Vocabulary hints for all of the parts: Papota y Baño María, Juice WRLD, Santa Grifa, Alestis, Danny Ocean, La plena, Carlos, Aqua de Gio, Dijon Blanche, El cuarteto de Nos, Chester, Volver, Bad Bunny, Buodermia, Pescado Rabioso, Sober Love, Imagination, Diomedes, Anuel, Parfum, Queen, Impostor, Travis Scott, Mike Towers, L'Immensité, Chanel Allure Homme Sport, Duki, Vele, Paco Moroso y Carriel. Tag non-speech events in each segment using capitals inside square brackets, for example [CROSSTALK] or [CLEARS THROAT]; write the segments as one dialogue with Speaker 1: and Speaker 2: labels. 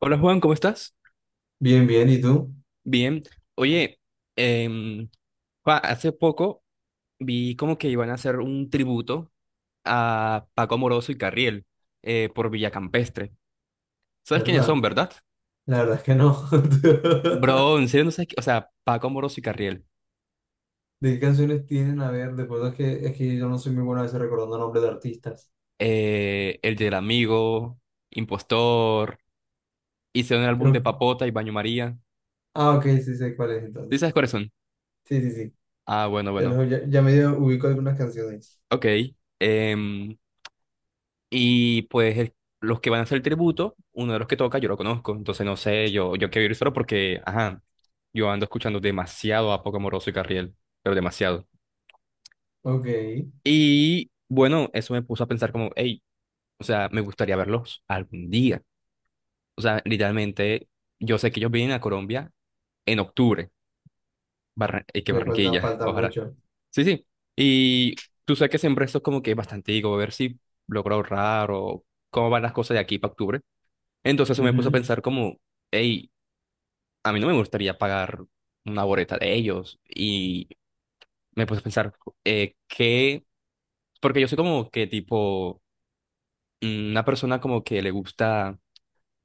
Speaker 1: Hola Juan, ¿cómo estás?
Speaker 2: Bien, bien, ¿y tú?
Speaker 1: Bien. Oye, em, Juan, hace poco vi como que iban a hacer un tributo a Paco Moroso y Carriel por Villacampestre. ¿Sabes quiénes son,
Speaker 2: ¿Verdad?
Speaker 1: verdad?
Speaker 2: La verdad es que no. [LAUGHS]
Speaker 1: Bro, en serio no sabes, o sea, Paco Moroso y Carriel,
Speaker 2: ¿De qué canciones tienen? A ver, después es que yo no soy muy bueno a veces recordando nombres de artistas.
Speaker 1: el del amigo, Impostor, hicieron el álbum de
Speaker 2: Creo...
Speaker 1: Papota y Baño María.
Speaker 2: Ah, ok, sí sé cuál es
Speaker 1: ¿Tú
Speaker 2: entonces.
Speaker 1: sabes cuáles son?
Speaker 2: Sí, sí, sí.
Speaker 1: Ah, bueno, bueno.
Speaker 2: Ya, ya medio ubico algunas canciones.
Speaker 1: Ok. Em, Y pues los que van a hacer el tributo, uno de los que toca, yo lo conozco. Entonces no sé, yo quiero ir solo porque, ajá, yo ando escuchando demasiado a Poco Moroso y Carriel, pero demasiado.
Speaker 2: Ok, me
Speaker 1: Y bueno, eso me puso a pensar como, hey, o sea, me gustaría verlos algún día. O sea, literalmente, yo sé que ellos vienen a Colombia en octubre, que
Speaker 2: falta,
Speaker 1: Barranquilla,
Speaker 2: falta
Speaker 1: ojalá.
Speaker 2: mucho.
Speaker 1: Sí, sí. Y tú sabes que siempre esto es como que bastante, digo, a ver si logro ahorrar o cómo van las cosas de aquí para octubre. Entonces eso me puso a
Speaker 2: Ujú.
Speaker 1: pensar como, hey, a mí no me gustaría pagar una boleta de ellos. Y me puse a pensar, ¿qué? Porque yo soy como que tipo una persona como que le gusta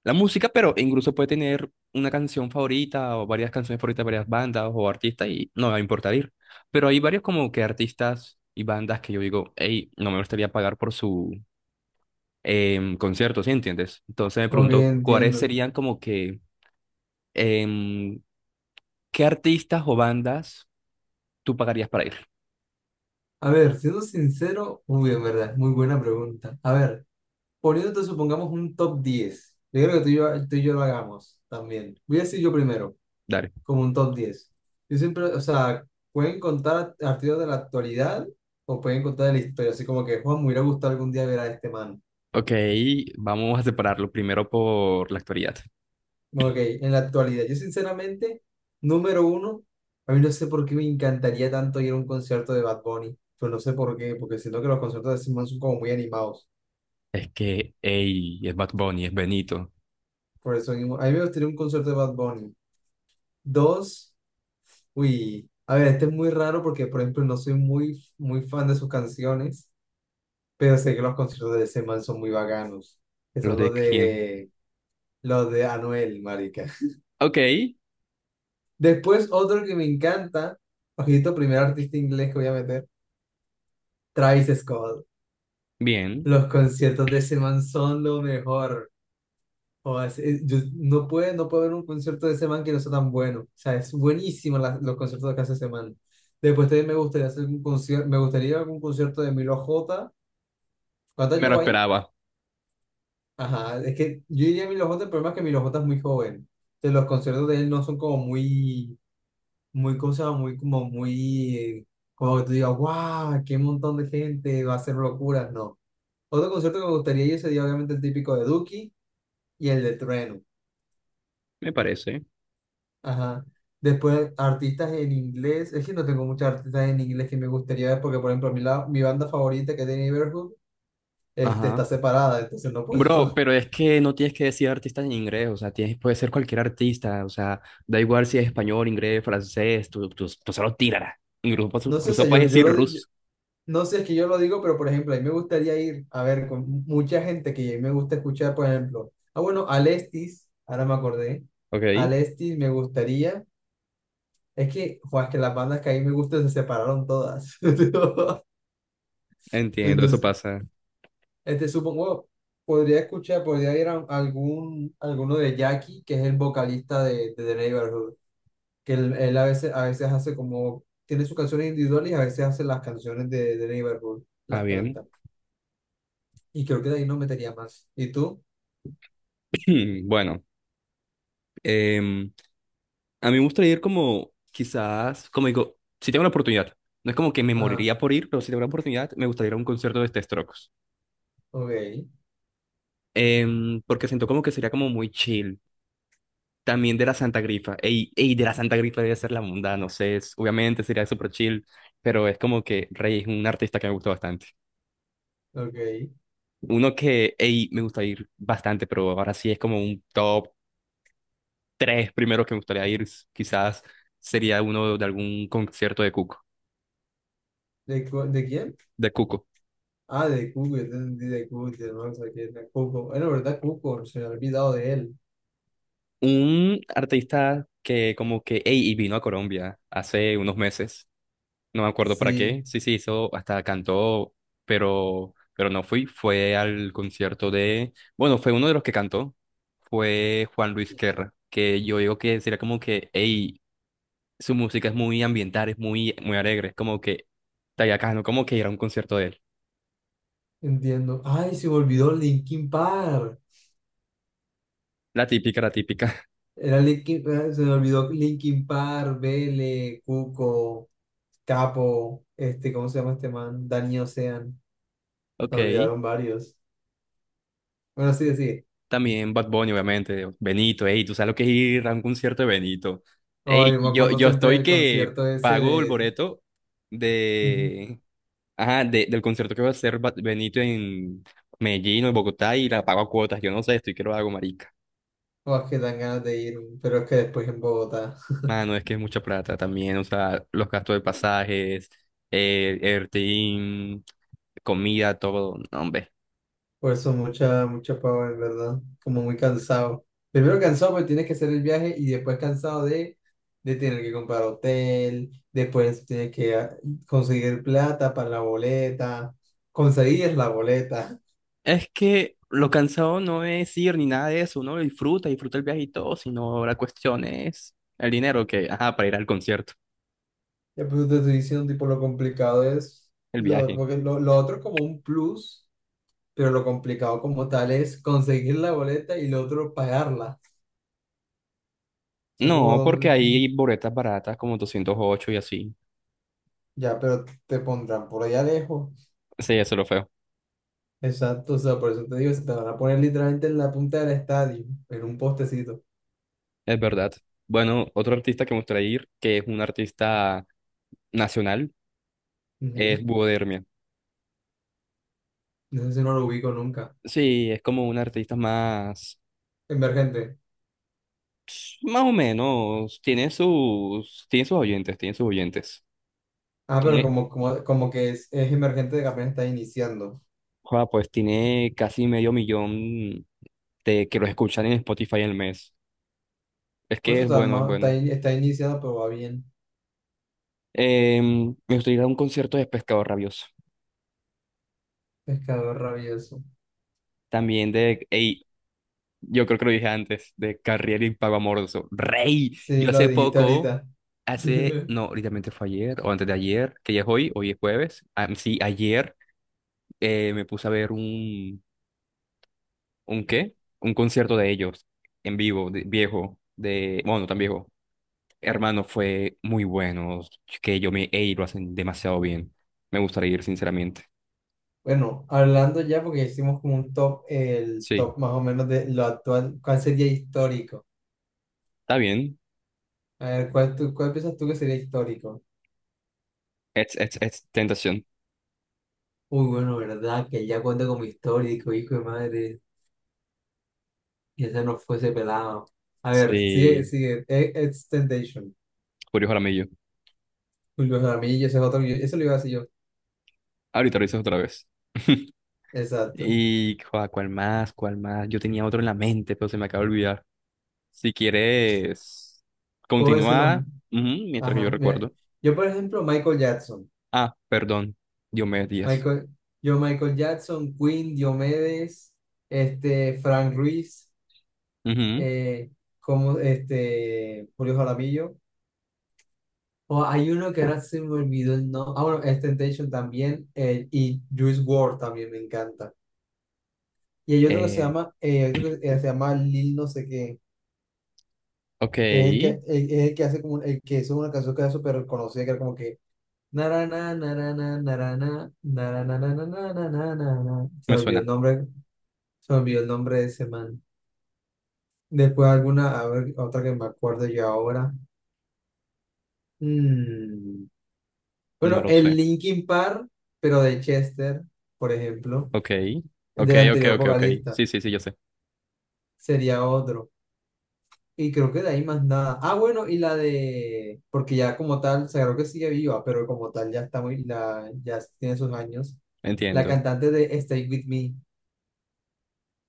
Speaker 1: la música, pero incluso puede tener una canción favorita o varias canciones favoritas de varias bandas o artistas y no me va a importar ir. Pero hay varios como que artistas y bandas que yo digo, hey, no me gustaría pagar por su concierto, ¿sí entiendes? Entonces me
Speaker 2: Ok,
Speaker 1: pregunto, ¿cuáles
Speaker 2: entiendo.
Speaker 1: serían como que... em, ¿Qué artistas o bandas tú pagarías para ir?
Speaker 2: A ver, siendo sincero, uy, en verdad, es muy buena pregunta. A ver, poniéndote, supongamos, un top 10. Yo creo que tú y yo lo hagamos también. Voy a decir yo primero.
Speaker 1: Dale.
Speaker 2: Como un top 10. Yo siempre, o sea, pueden contar artistas de la actualidad o pueden contar de la historia, así como que Juan, me hubiera gustado algún día ver a este man.
Speaker 1: Ok, vamos a separarlo primero por la actualidad.
Speaker 2: Ok, en la actualidad, yo sinceramente, número uno, a mí no sé por qué me encantaría tanto ir a un concierto de Bad Bunny, pero no sé por qué, porque siento que los conciertos de ese man son como muy animados.
Speaker 1: Es que, ey, es Bad Bunny, es Benito.
Speaker 2: Por eso mismo, a mí me gustaría un concierto de Bad Bunny. Dos, uy, a ver, este es muy raro porque, por ejemplo, no soy muy, muy fan de sus canciones. Pero sé que los conciertos de ese man son muy bacanos. Que
Speaker 1: ¿Los
Speaker 2: son
Speaker 1: de quién?
Speaker 2: los de Anuel, marica. [LAUGHS]
Speaker 1: Ok,
Speaker 2: Después otro que me encanta, ojito, primer artista inglés que voy a meter, Travis Scott.
Speaker 1: bien.
Speaker 2: Los conciertos de ese man son lo mejor. O sea, yo no puedo ver un concierto de ese man que no sea tan bueno. O sea, es buenísimo los conciertos que hace ese man. Después también me gustaría hacer un concierto, me gustaría algún concierto de Milo J. ¿Cuánto
Speaker 1: Me lo
Speaker 2: llegó ahí?
Speaker 1: esperaba,
Speaker 2: Ajá, es que yo diría a Milo J, el problema es que Milo J es muy joven. Entonces, los conciertos de él no son como muy, muy cosas, muy, como que tú digas, wow, qué montón de gente, va a ser locuras, no. Otro concierto que me gustaría ir sería obviamente el típico de Duki y el de Trueno.
Speaker 1: me parece.
Speaker 2: Ajá. Después, artistas en inglés, es que no tengo muchos artistas en inglés que me gustaría ver, porque por ejemplo, mi banda favorita que es The Neighborhood, este,
Speaker 1: Ajá.
Speaker 2: está separada, entonces no puedo.
Speaker 1: Bro,
Speaker 2: [LAUGHS]
Speaker 1: pero es que no tienes que decir artista en inglés, o sea, tienes, puede ser cualquier artista, o sea, da igual si es español, inglés, francés, tú solo tírala. Incluso,
Speaker 2: No sé, o sea,
Speaker 1: incluso
Speaker 2: yo,
Speaker 1: puedes
Speaker 2: yo
Speaker 1: decir
Speaker 2: lo digo.
Speaker 1: ruso.
Speaker 2: No sé, es que yo lo digo, pero por ejemplo, a mí me gustaría ir a ver con mucha gente que me gusta escuchar, por ejemplo. Ah, bueno, Alestis, ahora me acordé.
Speaker 1: Ok,
Speaker 2: Alestis me gustaría. Es que, joder, es que las bandas que a mí me gustan se separaron todas. [LAUGHS]
Speaker 1: entiendo, eso
Speaker 2: Entonces,
Speaker 1: pasa.
Speaker 2: este supongo, podría escuchar, podría ir a algún, alguno de Jackie, que es el vocalista de The Neighborhood, que él a veces hace como, tiene sus canciones individuales y a veces hace las canciones de The Neighborhood,
Speaker 1: Ah,
Speaker 2: las
Speaker 1: bien.
Speaker 2: canta. Y creo que de ahí no metería más. ¿Y tú?
Speaker 1: [CLEARS THROAT] Bueno. Em, a mí me gustaría ir como, quizás, como digo, si tengo la oportunidad, no es como que me
Speaker 2: Ah,
Speaker 1: moriría por ir, pero si tengo la oportunidad, me gustaría ir a un concierto de The Strokes.
Speaker 2: ok,
Speaker 1: Porque siento como que sería como muy chill. También de la Santa Grifa. Ey, ey, de la Santa Grifa debe ser la mundana, no sé, obviamente sería súper chill, pero es como que Rey es un artista que me gusta bastante.
Speaker 2: ok.
Speaker 1: Uno que, ey, me gusta ir bastante, pero ahora sí es como un top 3 primero que me gustaría ir, quizás sería uno de algún concierto de Cuco,
Speaker 2: ¿De quién?
Speaker 1: de Cuco.
Speaker 2: Ah, de Cuco, yo te entendí de Cuco, no sé qué, de Cuco. Bueno, ¿verdad, Cuco? Se me ha olvidado de él.
Speaker 1: Un artista que como que, ey, y vino a Colombia hace unos meses, no me acuerdo para
Speaker 2: Sí,
Speaker 1: qué, sí, sí, hizo, hasta cantó, pero, no fui, fue al concierto de, bueno, fue uno de los que cantó, fue Juan Luis Guerra, que yo digo que sería como que, ey, su música es muy ambiental, es muy, muy alegre, es como que, tallacano, como que ir a un concierto de él,
Speaker 2: entiendo. Ay, se me olvidó Linkin Park.
Speaker 1: la típica, la típica.
Speaker 2: Era Linkin, se me olvidó Linkin Park, Vele, Cuco, Capo, este, ¿cómo se llama este man? Danny Ocean.
Speaker 1: [LAUGHS] Ok.
Speaker 2: Me olvidaron varios. Bueno, sí, sí.
Speaker 1: También Bad Bunny, obviamente. Benito, ey, tú sabes lo que es ir a un concierto de Benito.
Speaker 2: Ay,
Speaker 1: Ey,
Speaker 2: yo me
Speaker 1: yo,
Speaker 2: acuerdo
Speaker 1: yo
Speaker 2: siempre
Speaker 1: estoy
Speaker 2: del
Speaker 1: que
Speaker 2: concierto ese
Speaker 1: pago el
Speaker 2: de...
Speaker 1: boleto
Speaker 2: Ujú.
Speaker 1: de, ajá, del concierto que va a hacer Benito en Medellín o en Bogotá y la pago a cuotas. Yo no sé, estoy que lo hago, marica.
Speaker 2: O es que dan ganas de ir, pero es que después en Bogotá.
Speaker 1: Mano, es que es mucha plata también, o sea, los gastos de pasajes, Ertin, comida, todo. No, hombre.
Speaker 2: Por eso mucha, mucha pava, en verdad. Como muy cansado. Primero cansado porque tienes que hacer el viaje y después cansado de tener que comprar hotel, después tienes que conseguir plata para la boleta, conseguir la boleta. [LAUGHS]
Speaker 1: Es que lo cansado no es ir ni nada de eso, uno lo disfruta, disfruta el viaje y todo, sino la cuestión es el dinero que, ajá, para ir al concierto,
Speaker 2: Ya pues te estoy diciendo, tipo, lo complicado es,
Speaker 1: el viaje.
Speaker 2: porque lo otro es como un plus, pero lo complicado como tal es conseguir la boleta y lo otro pagarla. Son como
Speaker 1: No,
Speaker 2: dos.
Speaker 1: porque hay boletas baratas como 208 y así.
Speaker 2: Ya, pero te pondrán por allá lejos.
Speaker 1: Sí, eso es lo feo,
Speaker 2: Exacto, o sea, por eso te digo, se te van a poner literalmente en la punta del estadio, en un postecito.
Speaker 1: es verdad. Bueno, otro artista que me gustaría ir, que es un artista nacional, es
Speaker 2: Ujú.
Speaker 1: Buodermia.
Speaker 2: No sé si no lo ubico nunca.
Speaker 1: Sí, es como un artista más,
Speaker 2: Emergente.
Speaker 1: más o menos, tiene sus oyentes, tiene sus oyentes.
Speaker 2: Ah, pero
Speaker 1: Tiene,
Speaker 2: como que es emergente de que apenas está iniciando.
Speaker 1: joda, pues tiene casi medio millón de que los escuchan en Spotify el mes. Es
Speaker 2: Por
Speaker 1: que
Speaker 2: eso
Speaker 1: es
Speaker 2: está,
Speaker 1: bueno, es
Speaker 2: ma- está,
Speaker 1: bueno.
Speaker 2: in- está iniciado, pero va bien.
Speaker 1: Me gustaría ir a un concierto de Pescado Rabioso.
Speaker 2: Pescador rabioso.
Speaker 1: También de, ey, yo creo que lo dije antes, de Carriel y Pago Amoroso. ¡Rey!
Speaker 2: Sí,
Speaker 1: Yo
Speaker 2: lo
Speaker 1: hace
Speaker 2: dijiste
Speaker 1: poco,
Speaker 2: ahorita.
Speaker 1: hace,
Speaker 2: [LAUGHS]
Speaker 1: no, literalmente fue ayer o antes de ayer, que ya es hoy, hoy es jueves. Ah, sí, ayer me puse a ver ¿un qué? Un concierto de ellos en vivo, viejo, de, bueno, no tan viejo. Hermano, fue muy bueno. Que yo me, ey, lo hacen demasiado bien. Me gustaría ir, sinceramente.
Speaker 2: Bueno, hablando ya, porque hicimos como un top, el
Speaker 1: Sí,
Speaker 2: top más o menos de lo actual, ¿cuál sería histórico?
Speaker 1: está bien.
Speaker 2: A ver, ¿cuál, tú, cuál piensas tú que sería histórico?
Speaker 1: Es tentación.
Speaker 2: Uy, bueno, verdad, que ya cuenta como histórico, hijo de madre, y ese no fuese pelado. A ver, sigue,
Speaker 1: Sí,
Speaker 2: sigue, Ex Temptation.
Speaker 1: Julio Jaramillo.
Speaker 2: Julio Jaramillo, ese es otro, eso lo iba a decir yo.
Speaker 1: Ahorita lo dices otra vez. [LAUGHS]
Speaker 2: Exacto.
Speaker 1: Y, joa, ¿cuál más? ¿Cuál más? Yo tenía otro en la mente, pero se me acaba de olvidar. Si quieres,
Speaker 2: Puedo decirlo,
Speaker 1: continúa ujú, mientras que yo
Speaker 2: ajá, mira,
Speaker 1: recuerdo.
Speaker 2: yo por ejemplo,
Speaker 1: Ah, perdón. Diomedes Díaz.
Speaker 2: Michael, yo Michael Jackson, Queen, Diomedes, este, Frank Ruiz,
Speaker 1: Ujú.
Speaker 2: eh, como, este, Julio Jaramillo, o hay uno que ahora se me olvidó el nombre, ah, bueno, Ex Temptation también, y Juice WRLD también me encanta. Y
Speaker 1: Eh,
Speaker 2: hay otro que se llama Lil no sé qué, que es el que,
Speaker 1: ok,
Speaker 2: el, es el que hace como, el que hizo una canción que era súper reconocida, que era como que, narana, narana, narana, narana, narana, narana, narana.
Speaker 1: me suena.
Speaker 2: Se me olvidó el nombre de ese man. Después alguna, a ver, otra que me acuerdo yo ahora. Mm,
Speaker 1: No
Speaker 2: Bueno,
Speaker 1: lo
Speaker 2: el
Speaker 1: sé.
Speaker 2: Linkin Park, pero de Chester, por ejemplo,
Speaker 1: Ok, ok,
Speaker 2: del
Speaker 1: ok,
Speaker 2: anterior
Speaker 1: ok, ok.
Speaker 2: vocalista,
Speaker 1: Sí, sí, sí, yo sé.
Speaker 2: sería otro. Y creo que de ahí más nada. Ah, bueno, y la de, porque ya como tal, se creo que sigue viva, pero como tal ya está muy, ya tiene sus años. La
Speaker 1: Entiendo.
Speaker 2: cantante de Stay With Me,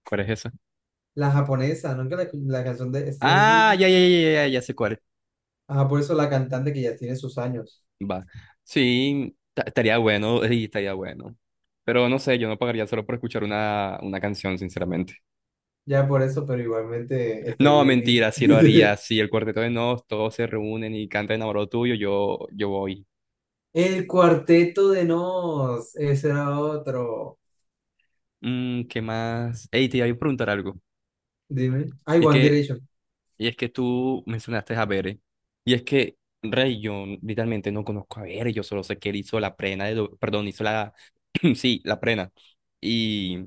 Speaker 1: ¿Cuál es esa?
Speaker 2: la japonesa, ¿no? Que la canción de Stay With
Speaker 1: Ah,
Speaker 2: Me.
Speaker 1: ya, ya, ya, ya, ya ya sé cuál.
Speaker 2: Ajá, por eso la cantante que ya tiene sus años.
Speaker 1: Va. Sí, estaría bueno, sí, estaría bueno. Pero no sé, yo no pagaría solo por escuchar una canción, sinceramente.
Speaker 2: Ya por eso, pero igualmente Stay
Speaker 1: No,
Speaker 2: With
Speaker 1: mentira,
Speaker 2: Me.
Speaker 1: sí lo haría.
Speaker 2: [LAUGHS]
Speaker 1: Si el cuarteto de Nos, todos se reúnen y cantan Enamorado Tuyo, yo voy.
Speaker 2: El cuarteto de Nos, ese era otro.
Speaker 1: ¿Qué más? Ey, te iba a preguntar algo.
Speaker 2: Dime. Ay,
Speaker 1: Y es
Speaker 2: One
Speaker 1: que
Speaker 2: Direction.
Speaker 1: Y es que tú mencionaste a Bere. Y es que Rey, yo literalmente no conozco a Bere, yo solo sé que él hizo la prena perdón, hizo la, [CLEARS THROAT] sí, la prena. Y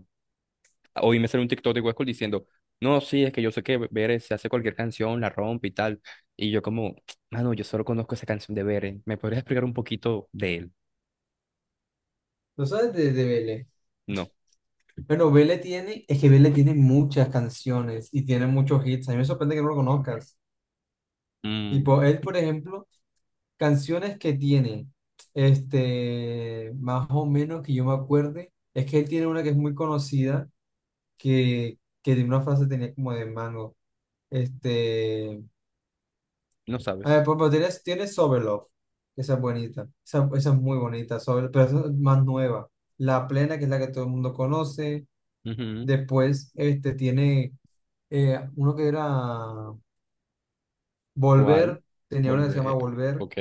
Speaker 1: hoy me salió un TikTok de Huesco diciendo, no, sí, es que yo sé que Bere se hace cualquier canción, la rompe y tal. Y yo como, mano, yo solo conozco esa canción de Bere. ¿Me podrías explicar un poquito de él?
Speaker 2: ¿No sabes de BL?
Speaker 1: No.
Speaker 2: Bueno, es que Vele tiene muchas canciones y tiene muchos hits. A mí me sorprende que no lo conozcas. Y
Speaker 1: Mm,
Speaker 2: por él, por ejemplo, canciones que tiene, este, más o menos que yo me acuerde, es que él tiene una que es muy conocida, que tiene una frase tenía como de mango. Este,
Speaker 1: no
Speaker 2: a ver,
Speaker 1: sabes.
Speaker 2: por ejemplo, tiene Sober Love, esa es bonita, esa es muy bonita, pero esa es más nueva. La plena, que es la que todo el mundo conoce.
Speaker 1: Ujú.
Speaker 2: Después, este, tiene uno que era
Speaker 1: ¿Cuál?
Speaker 2: Volver, tenía una que se llama
Speaker 1: Volver.
Speaker 2: Volver,
Speaker 1: Ok.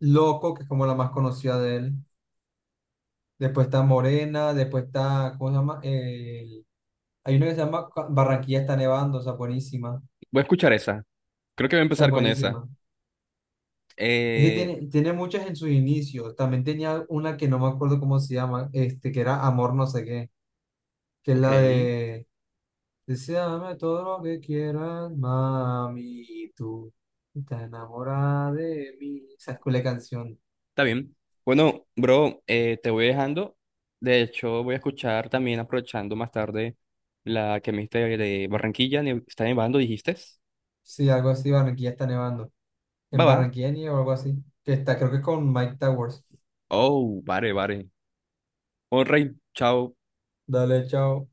Speaker 2: Loco, que es como la más conocida de él. Después está Morena, después está, ¿cómo se llama? Hay una que se llama Barranquilla está nevando, esa es buenísima,
Speaker 1: Voy a escuchar esa. Creo que voy a
Speaker 2: esa es
Speaker 1: empezar con esa.
Speaker 2: buenísima. Es que
Speaker 1: Eh,
Speaker 2: tiene muchas en sus inicios. También tenía una que no me acuerdo cómo se llama, este, que era Amor no sé qué, que es
Speaker 1: Ok,
Speaker 2: la
Speaker 1: está
Speaker 2: de Deseame todo lo que quieras, mami, tú estás enamorada de mí. Esa es la canción.
Speaker 1: bien. Bueno, bro, te voy dejando. De hecho, voy a escuchar también, aprovechando más tarde, la que me diste de Barranquilla, está nevando, dijiste.
Speaker 2: Sí, algo así, Barranquilla está nevando. En
Speaker 1: Va, va.
Speaker 2: Barranquilla nieva o algo así. Que está, creo que con Mike Towers.
Speaker 1: Oh, vale, vale. Oh, rey, chao.
Speaker 2: Dale, chao.